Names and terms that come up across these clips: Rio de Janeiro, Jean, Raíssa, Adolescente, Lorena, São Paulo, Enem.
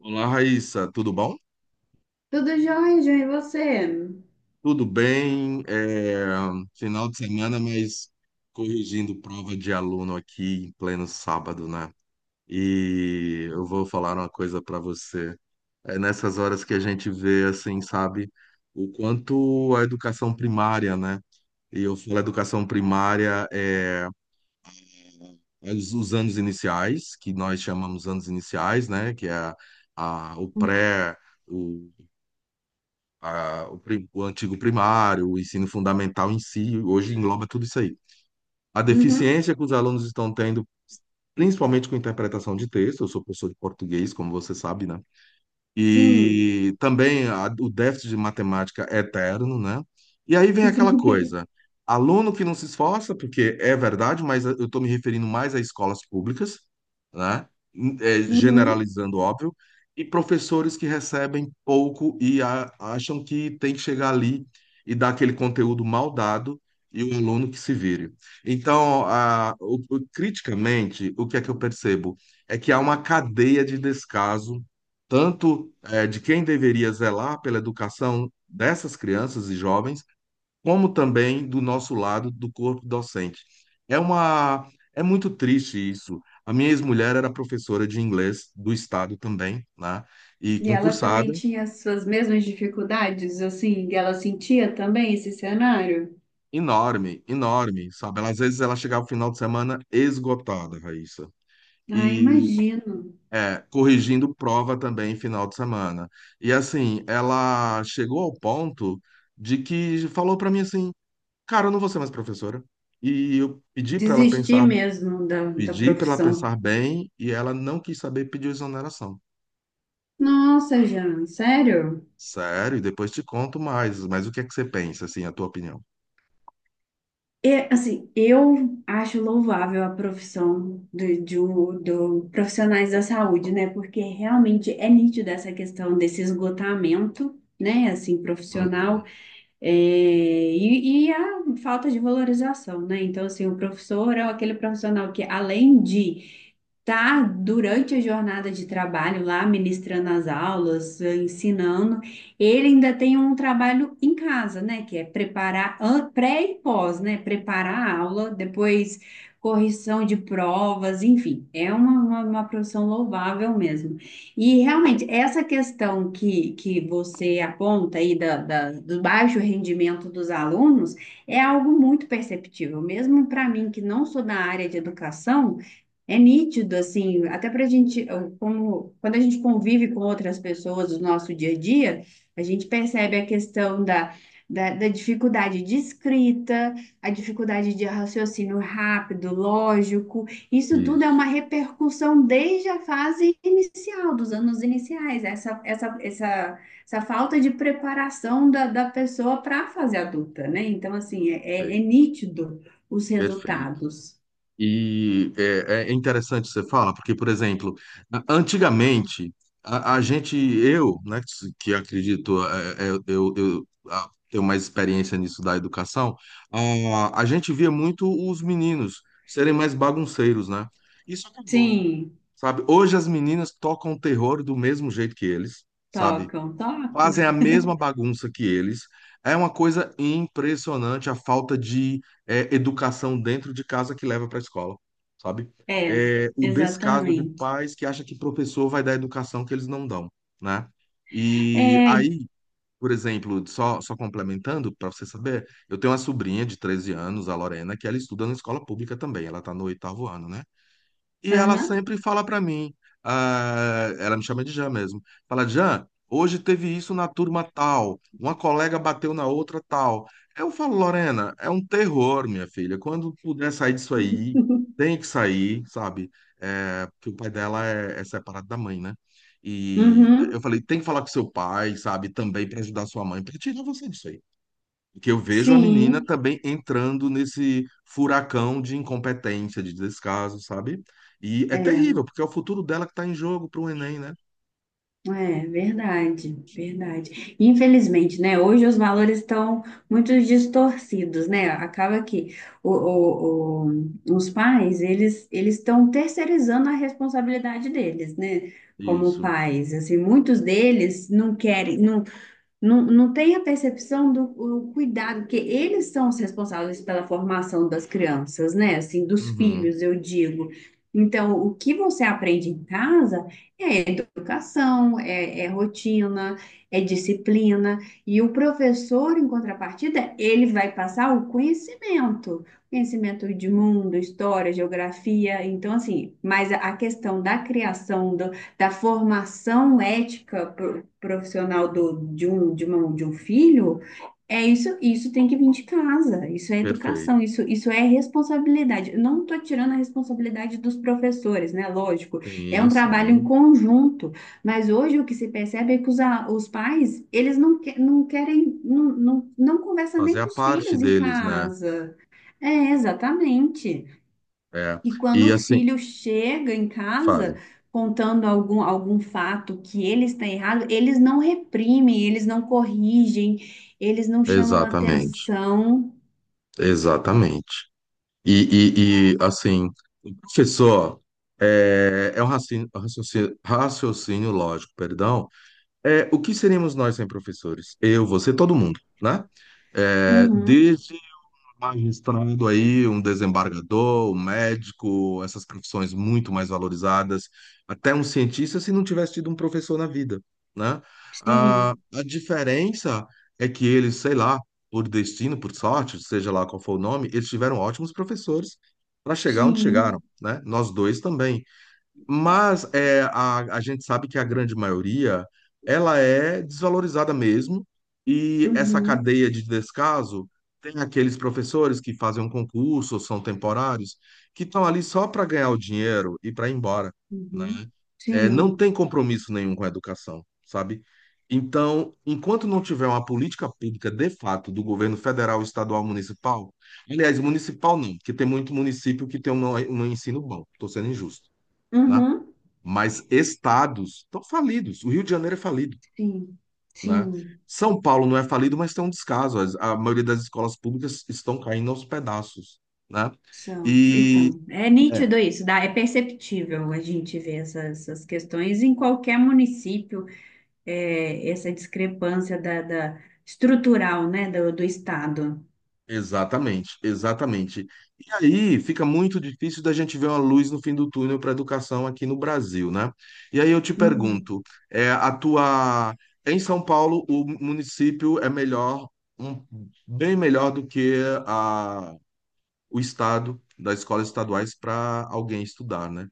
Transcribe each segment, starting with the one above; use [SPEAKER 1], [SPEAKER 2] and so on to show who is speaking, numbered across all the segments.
[SPEAKER 1] Olá, Raíssa, tudo bom?
[SPEAKER 2] Tudo jóia, João, e você?
[SPEAKER 1] Tudo bem, final de semana, mas corrigindo prova de aluno aqui em pleno sábado, né? E eu vou falar uma coisa para você. É nessas horas que a gente vê, assim, sabe, o quanto a educação primária, né? E eu falo educação primária, é os anos iniciais, que nós chamamos anos iniciais, né? Que é o pré, o, o antigo primário, o ensino fundamental em si, hoje engloba tudo isso aí. A
[SPEAKER 2] Uhum,
[SPEAKER 1] deficiência que os alunos estão tendo, principalmente com interpretação de texto, eu sou professor de português, como você sabe, né?
[SPEAKER 2] sim.
[SPEAKER 1] E também o déficit de matemática é eterno, né? E aí vem aquela coisa, aluno que não se esforça, porque é verdade, mas eu estou me referindo mais a escolas públicas, né? É,
[SPEAKER 2] Uhum.
[SPEAKER 1] generalizando, óbvio, e professores que recebem pouco e acham que tem que chegar ali e dar aquele conteúdo mal dado e o aluno que se vire. Então, criticamente, o que é que eu percebo? É que há uma cadeia de descaso tanto de quem deveria zelar pela educação dessas crianças e jovens, como também do nosso lado, do corpo docente. É uma, é muito triste isso. A minha ex-mulher era professora de inglês do estado também, né? E
[SPEAKER 2] E ela também
[SPEAKER 1] concursada,
[SPEAKER 2] tinha as suas mesmas dificuldades, assim, e ela sentia também esse cenário?
[SPEAKER 1] enorme, enorme, sabe? Ela, às vezes ela chegava no final de semana esgotada, Raíssa.
[SPEAKER 2] Ah,
[SPEAKER 1] E
[SPEAKER 2] imagino.
[SPEAKER 1] é, corrigindo prova também final de semana. E assim, ela chegou ao ponto de que falou para mim assim: cara, eu não vou ser mais professora. E eu pedi para ela
[SPEAKER 2] Desistir
[SPEAKER 1] pensar,
[SPEAKER 2] mesmo da
[SPEAKER 1] pedi para ela
[SPEAKER 2] profissão.
[SPEAKER 1] pensar bem e ela não quis saber, pediu exoneração.
[SPEAKER 2] Nossa, Jean, sério?
[SPEAKER 1] Sério, e depois te conto mais, mas o que é que você pensa, assim, a tua opinião?
[SPEAKER 2] E, assim, eu acho louvável a profissão do, do profissionais da saúde, né? Porque realmente é nítida essa questão desse esgotamento, né? Assim,
[SPEAKER 1] Uhum.
[SPEAKER 2] profissional. É, e a falta de valorização, né? Então, assim, o professor é aquele profissional que, além de tá durante a jornada de trabalho lá, ministrando as aulas, ensinando, ele ainda tem um trabalho em casa, né? Que é preparar pré e pós, né? Preparar a aula, depois correção de provas, enfim, é uma profissão louvável mesmo. E realmente, essa questão que você aponta aí da, do baixo rendimento dos alunos é algo muito perceptível, mesmo para mim, que não sou da área de educação. É nítido, assim, até para a gente, como, quando a gente convive com outras pessoas no nosso dia a dia, a gente percebe a questão da, da dificuldade de escrita, a dificuldade de raciocínio rápido, lógico. Isso tudo é
[SPEAKER 1] Isso,
[SPEAKER 2] uma repercussão desde a fase inicial, dos anos iniciais, essa falta de preparação da, da pessoa para a fase adulta, né? Então, assim, é
[SPEAKER 1] perfeito.
[SPEAKER 2] nítido os
[SPEAKER 1] Perfeito.
[SPEAKER 2] resultados.
[SPEAKER 1] E é interessante você fala, porque, por exemplo, antigamente, a gente, eu, né, que acredito, tenho mais experiência nisso da educação, a gente via muito os meninos serem mais bagunceiros, né? Isso acabou,
[SPEAKER 2] Sim.
[SPEAKER 1] sabe? Hoje as meninas tocam terror do mesmo jeito que eles, sabe?
[SPEAKER 2] Tocam, tocam.
[SPEAKER 1] Fazem a mesma bagunça que eles. É uma coisa impressionante a falta de educação dentro de casa que leva para a escola, sabe?
[SPEAKER 2] É,
[SPEAKER 1] É, o descaso de
[SPEAKER 2] exatamente.
[SPEAKER 1] pais que acha que professor vai dar educação que eles não dão, né? E
[SPEAKER 2] É,
[SPEAKER 1] aí, por exemplo, só complementando, para você saber, eu tenho uma sobrinha de 13 anos, a Lorena, que ela estuda na escola pública também, ela está no oitavo ano, né? E ela
[SPEAKER 2] aham.
[SPEAKER 1] sempre fala pra mim, ah, ela me chama de Jean mesmo. Fala, Jean, hoje teve isso na turma tal, uma colega bateu na outra tal. Eu falo, Lorena, é um terror, minha filha. Quando puder sair disso aí, tem que sair, sabe? É, porque o pai dela é separado da mãe, né? E eu
[SPEAKER 2] Uhum,
[SPEAKER 1] falei, tem que falar com seu pai, sabe? Também pra ajudar sua mãe, pra tirar você disso aí, que eu vejo a menina
[SPEAKER 2] sim,
[SPEAKER 1] também entrando nesse furacão de incompetência, de descaso, sabe? E é
[SPEAKER 2] é,
[SPEAKER 1] terrível, porque é o futuro dela que está em jogo para o Enem, né?
[SPEAKER 2] é verdade, verdade. Infelizmente, né? Hoje os valores estão muito distorcidos, né? Acaba que os pais, eles estão terceirizando a responsabilidade deles, né? Como
[SPEAKER 1] Isso.
[SPEAKER 2] pais, assim, muitos deles não querem, não tem a percepção do o cuidado, porque eles são os responsáveis pela formação das crianças, né? Assim, dos
[SPEAKER 1] Uhum,
[SPEAKER 2] filhos, eu digo. Então, o que você aprende em casa é educação, é rotina, é disciplina. E o professor, em contrapartida, ele vai passar o conhecimento, conhecimento de mundo, história, geografia. Então, assim, mas a questão da criação, do, da formação ética profissional do, de um filho, é isso, isso tem que vir de casa, isso é
[SPEAKER 1] perfeito.
[SPEAKER 2] educação, isso é responsabilidade. Eu não estou tirando a responsabilidade dos professores, né? Lógico, é um
[SPEAKER 1] Sim,
[SPEAKER 2] trabalho em
[SPEAKER 1] sim.
[SPEAKER 2] conjunto, mas hoje o que se percebe é que os pais, eles não, não querem, não conversam
[SPEAKER 1] Fazer
[SPEAKER 2] nem
[SPEAKER 1] a
[SPEAKER 2] com os
[SPEAKER 1] parte
[SPEAKER 2] filhos em
[SPEAKER 1] deles, né?
[SPEAKER 2] casa. É, exatamente.
[SPEAKER 1] É.
[SPEAKER 2] E quando
[SPEAKER 1] E
[SPEAKER 2] o
[SPEAKER 1] assim,
[SPEAKER 2] filho chega em casa
[SPEAKER 1] fale.
[SPEAKER 2] contando algum fato que ele está errado, eles não reprimem, eles não corrigem, eles não chamam
[SPEAKER 1] Exatamente.
[SPEAKER 2] atenção.
[SPEAKER 1] Exatamente. E, assim, professor, raciocínio, raciocínio lógico, perdão. É, o que seríamos nós sem professores? Eu, você, todo mundo, né? É,
[SPEAKER 2] Uhum.
[SPEAKER 1] desde magistrado aí, um desembargador, um médico, essas profissões muito mais valorizadas, até um cientista se não tivesse tido um professor na vida, né? Ah,
[SPEAKER 2] Sim,
[SPEAKER 1] a diferença é que eles, sei lá, por destino, por sorte, seja lá qual for o nome, eles tiveram ótimos professores para chegar onde
[SPEAKER 2] sim.
[SPEAKER 1] chegaram, né? Nós dois também. Mas é, a gente sabe que a grande maioria ela é desvalorizada mesmo, e essa
[SPEAKER 2] Uhum.
[SPEAKER 1] cadeia de descaso tem aqueles professores que fazem um concurso, ou são temporários, que estão ali só para ganhar o dinheiro e para ir embora, né?
[SPEAKER 2] Uhum.
[SPEAKER 1] É, não
[SPEAKER 2] Sim.
[SPEAKER 1] tem compromisso nenhum com a educação, sabe? Então, enquanto não tiver uma política pública de fato do governo federal, estadual, municipal, aliás, municipal não, porque tem muito município que tem um ensino bom, estou sendo injusto, né?
[SPEAKER 2] Uhum.
[SPEAKER 1] Mas estados estão falidos. O Rio de Janeiro é falido,
[SPEAKER 2] Sim.
[SPEAKER 1] né?
[SPEAKER 2] Sim.
[SPEAKER 1] São Paulo não é falido, mas tem um descaso. A maioria das escolas públicas estão caindo aos pedaços, né?
[SPEAKER 2] São.
[SPEAKER 1] E
[SPEAKER 2] Então, é
[SPEAKER 1] é,
[SPEAKER 2] nítido isso, dá, é perceptível a gente ver essas questões em qualquer município. É, essa discrepância da, estrutural, né, do, do Estado.
[SPEAKER 1] exatamente, exatamente. E aí fica muito difícil da gente ver uma luz no fim do túnel para a educação aqui no Brasil, né? E aí eu te
[SPEAKER 2] Uhum.
[SPEAKER 1] pergunto, é, a tua em São Paulo o município é melhor, um- bem melhor do que o estado das escolas estaduais para alguém estudar, né?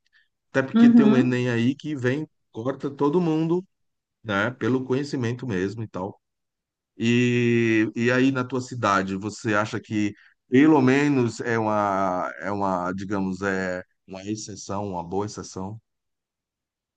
[SPEAKER 1] Até porque tem um
[SPEAKER 2] Uhum.
[SPEAKER 1] Enem aí que vem, corta todo mundo, né? Pelo conhecimento mesmo e tal. E aí na tua cidade, você acha que pelo menos é uma, digamos, é uma exceção, uma boa exceção,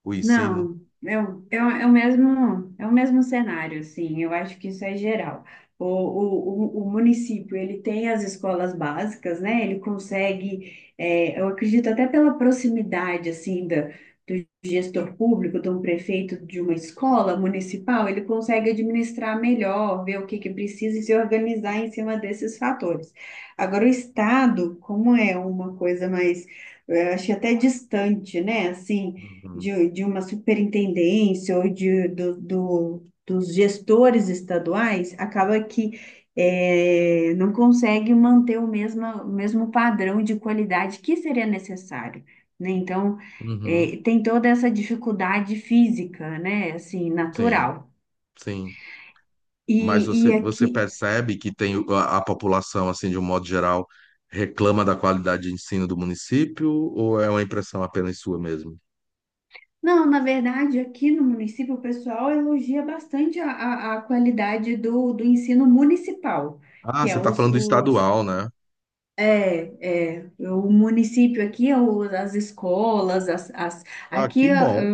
[SPEAKER 1] o ensino?
[SPEAKER 2] Não, é é o mesmo cenário, assim, eu acho que isso é geral. O município, ele tem as escolas básicas, né, ele consegue, é, eu acredito até pela proximidade, assim, da, do gestor público, de um prefeito de uma escola municipal, ele consegue administrar melhor, ver o que que precisa e se organizar em cima desses fatores. Agora, o Estado, como é uma coisa mais, eu acho que até distante, né, assim,
[SPEAKER 1] Uhum.
[SPEAKER 2] de uma superintendência ou de, do dos gestores estaduais, acaba que não consegue manter o mesmo padrão de qualidade que seria necessário, né? Então,
[SPEAKER 1] Uhum.
[SPEAKER 2] tem toda essa dificuldade física, né? Assim,
[SPEAKER 1] Sim,
[SPEAKER 2] natural.
[SPEAKER 1] sim. Mas
[SPEAKER 2] E
[SPEAKER 1] você
[SPEAKER 2] aqui,
[SPEAKER 1] percebe que tem a população, assim, de um modo geral, reclama da qualidade de ensino do município, ou é uma impressão apenas sua mesmo?
[SPEAKER 2] não, na verdade, aqui no município, o pessoal elogia bastante a qualidade do, do ensino municipal,
[SPEAKER 1] Ah,
[SPEAKER 2] que
[SPEAKER 1] você
[SPEAKER 2] é
[SPEAKER 1] está
[SPEAKER 2] os,
[SPEAKER 1] falando do
[SPEAKER 2] os.
[SPEAKER 1] estadual, né?
[SPEAKER 2] É, é, o município aqui, é as escolas, as
[SPEAKER 1] Ah, que
[SPEAKER 2] aqui ah,
[SPEAKER 1] bom.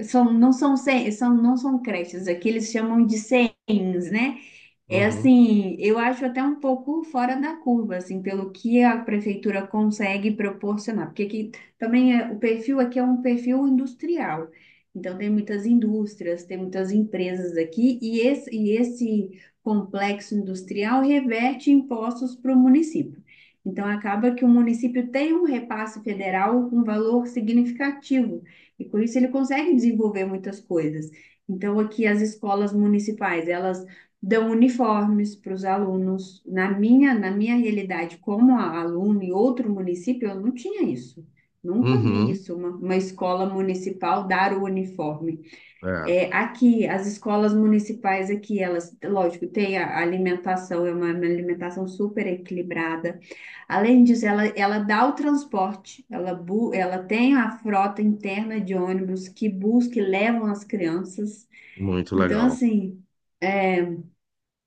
[SPEAKER 2] ah, são, são, não são creches, aqui eles chamam de CENs, né? É
[SPEAKER 1] Uhum.
[SPEAKER 2] assim, eu acho até um pouco fora da curva, assim, pelo que a prefeitura consegue proporcionar, porque aqui também é, o perfil aqui é um perfil industrial. Então tem muitas indústrias, tem muitas empresas aqui, e esse complexo industrial reverte impostos para o município. Então acaba que o município tem um repasse federal com valor significativo, e com isso ele consegue desenvolver muitas coisas. Então, aqui as escolas municipais, elas dão uniformes para os alunos. Na minha realidade, como aluna em outro município, eu não tinha isso. Nunca vi
[SPEAKER 1] Uhum.
[SPEAKER 2] isso, uma escola municipal dar o uniforme.
[SPEAKER 1] É,
[SPEAKER 2] É, aqui, as escolas municipais aqui, elas, lógico, tem a alimentação, é uma alimentação super equilibrada. Além disso, ela dá o transporte, ela, ela tem a frota interna de ônibus que busca e levam as crianças.
[SPEAKER 1] muito
[SPEAKER 2] Então,
[SPEAKER 1] legal.
[SPEAKER 2] assim, é,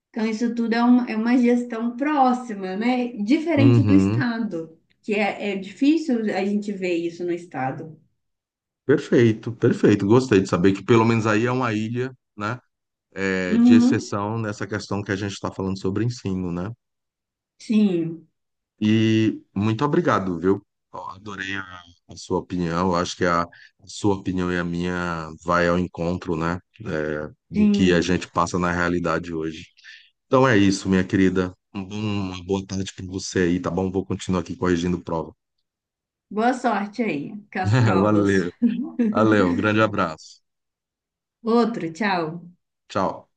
[SPEAKER 2] então, isso tudo é, é uma gestão próxima, né? Diferente do
[SPEAKER 1] Uhum.
[SPEAKER 2] Estado, que é, é difícil a gente ver isso no Estado.
[SPEAKER 1] Perfeito, perfeito. Gostei de saber que pelo menos aí é uma ilha, né? É, de
[SPEAKER 2] Uhum.
[SPEAKER 1] exceção nessa questão que a gente está falando sobre ensino, né?
[SPEAKER 2] Sim,
[SPEAKER 1] E muito obrigado, viu? Ó, adorei a sua opinião. Eu acho que a sua opinião e a minha vai ao encontro, né? É, do que a
[SPEAKER 2] sim.
[SPEAKER 1] gente passa na realidade hoje. Então é isso, minha querida. Uma boa tarde para você aí, tá bom? Vou continuar aqui corrigindo prova.
[SPEAKER 2] Boa sorte aí com as provas.
[SPEAKER 1] Valeu, valeu. Um grande abraço.
[SPEAKER 2] Outro, tchau.
[SPEAKER 1] Tchau.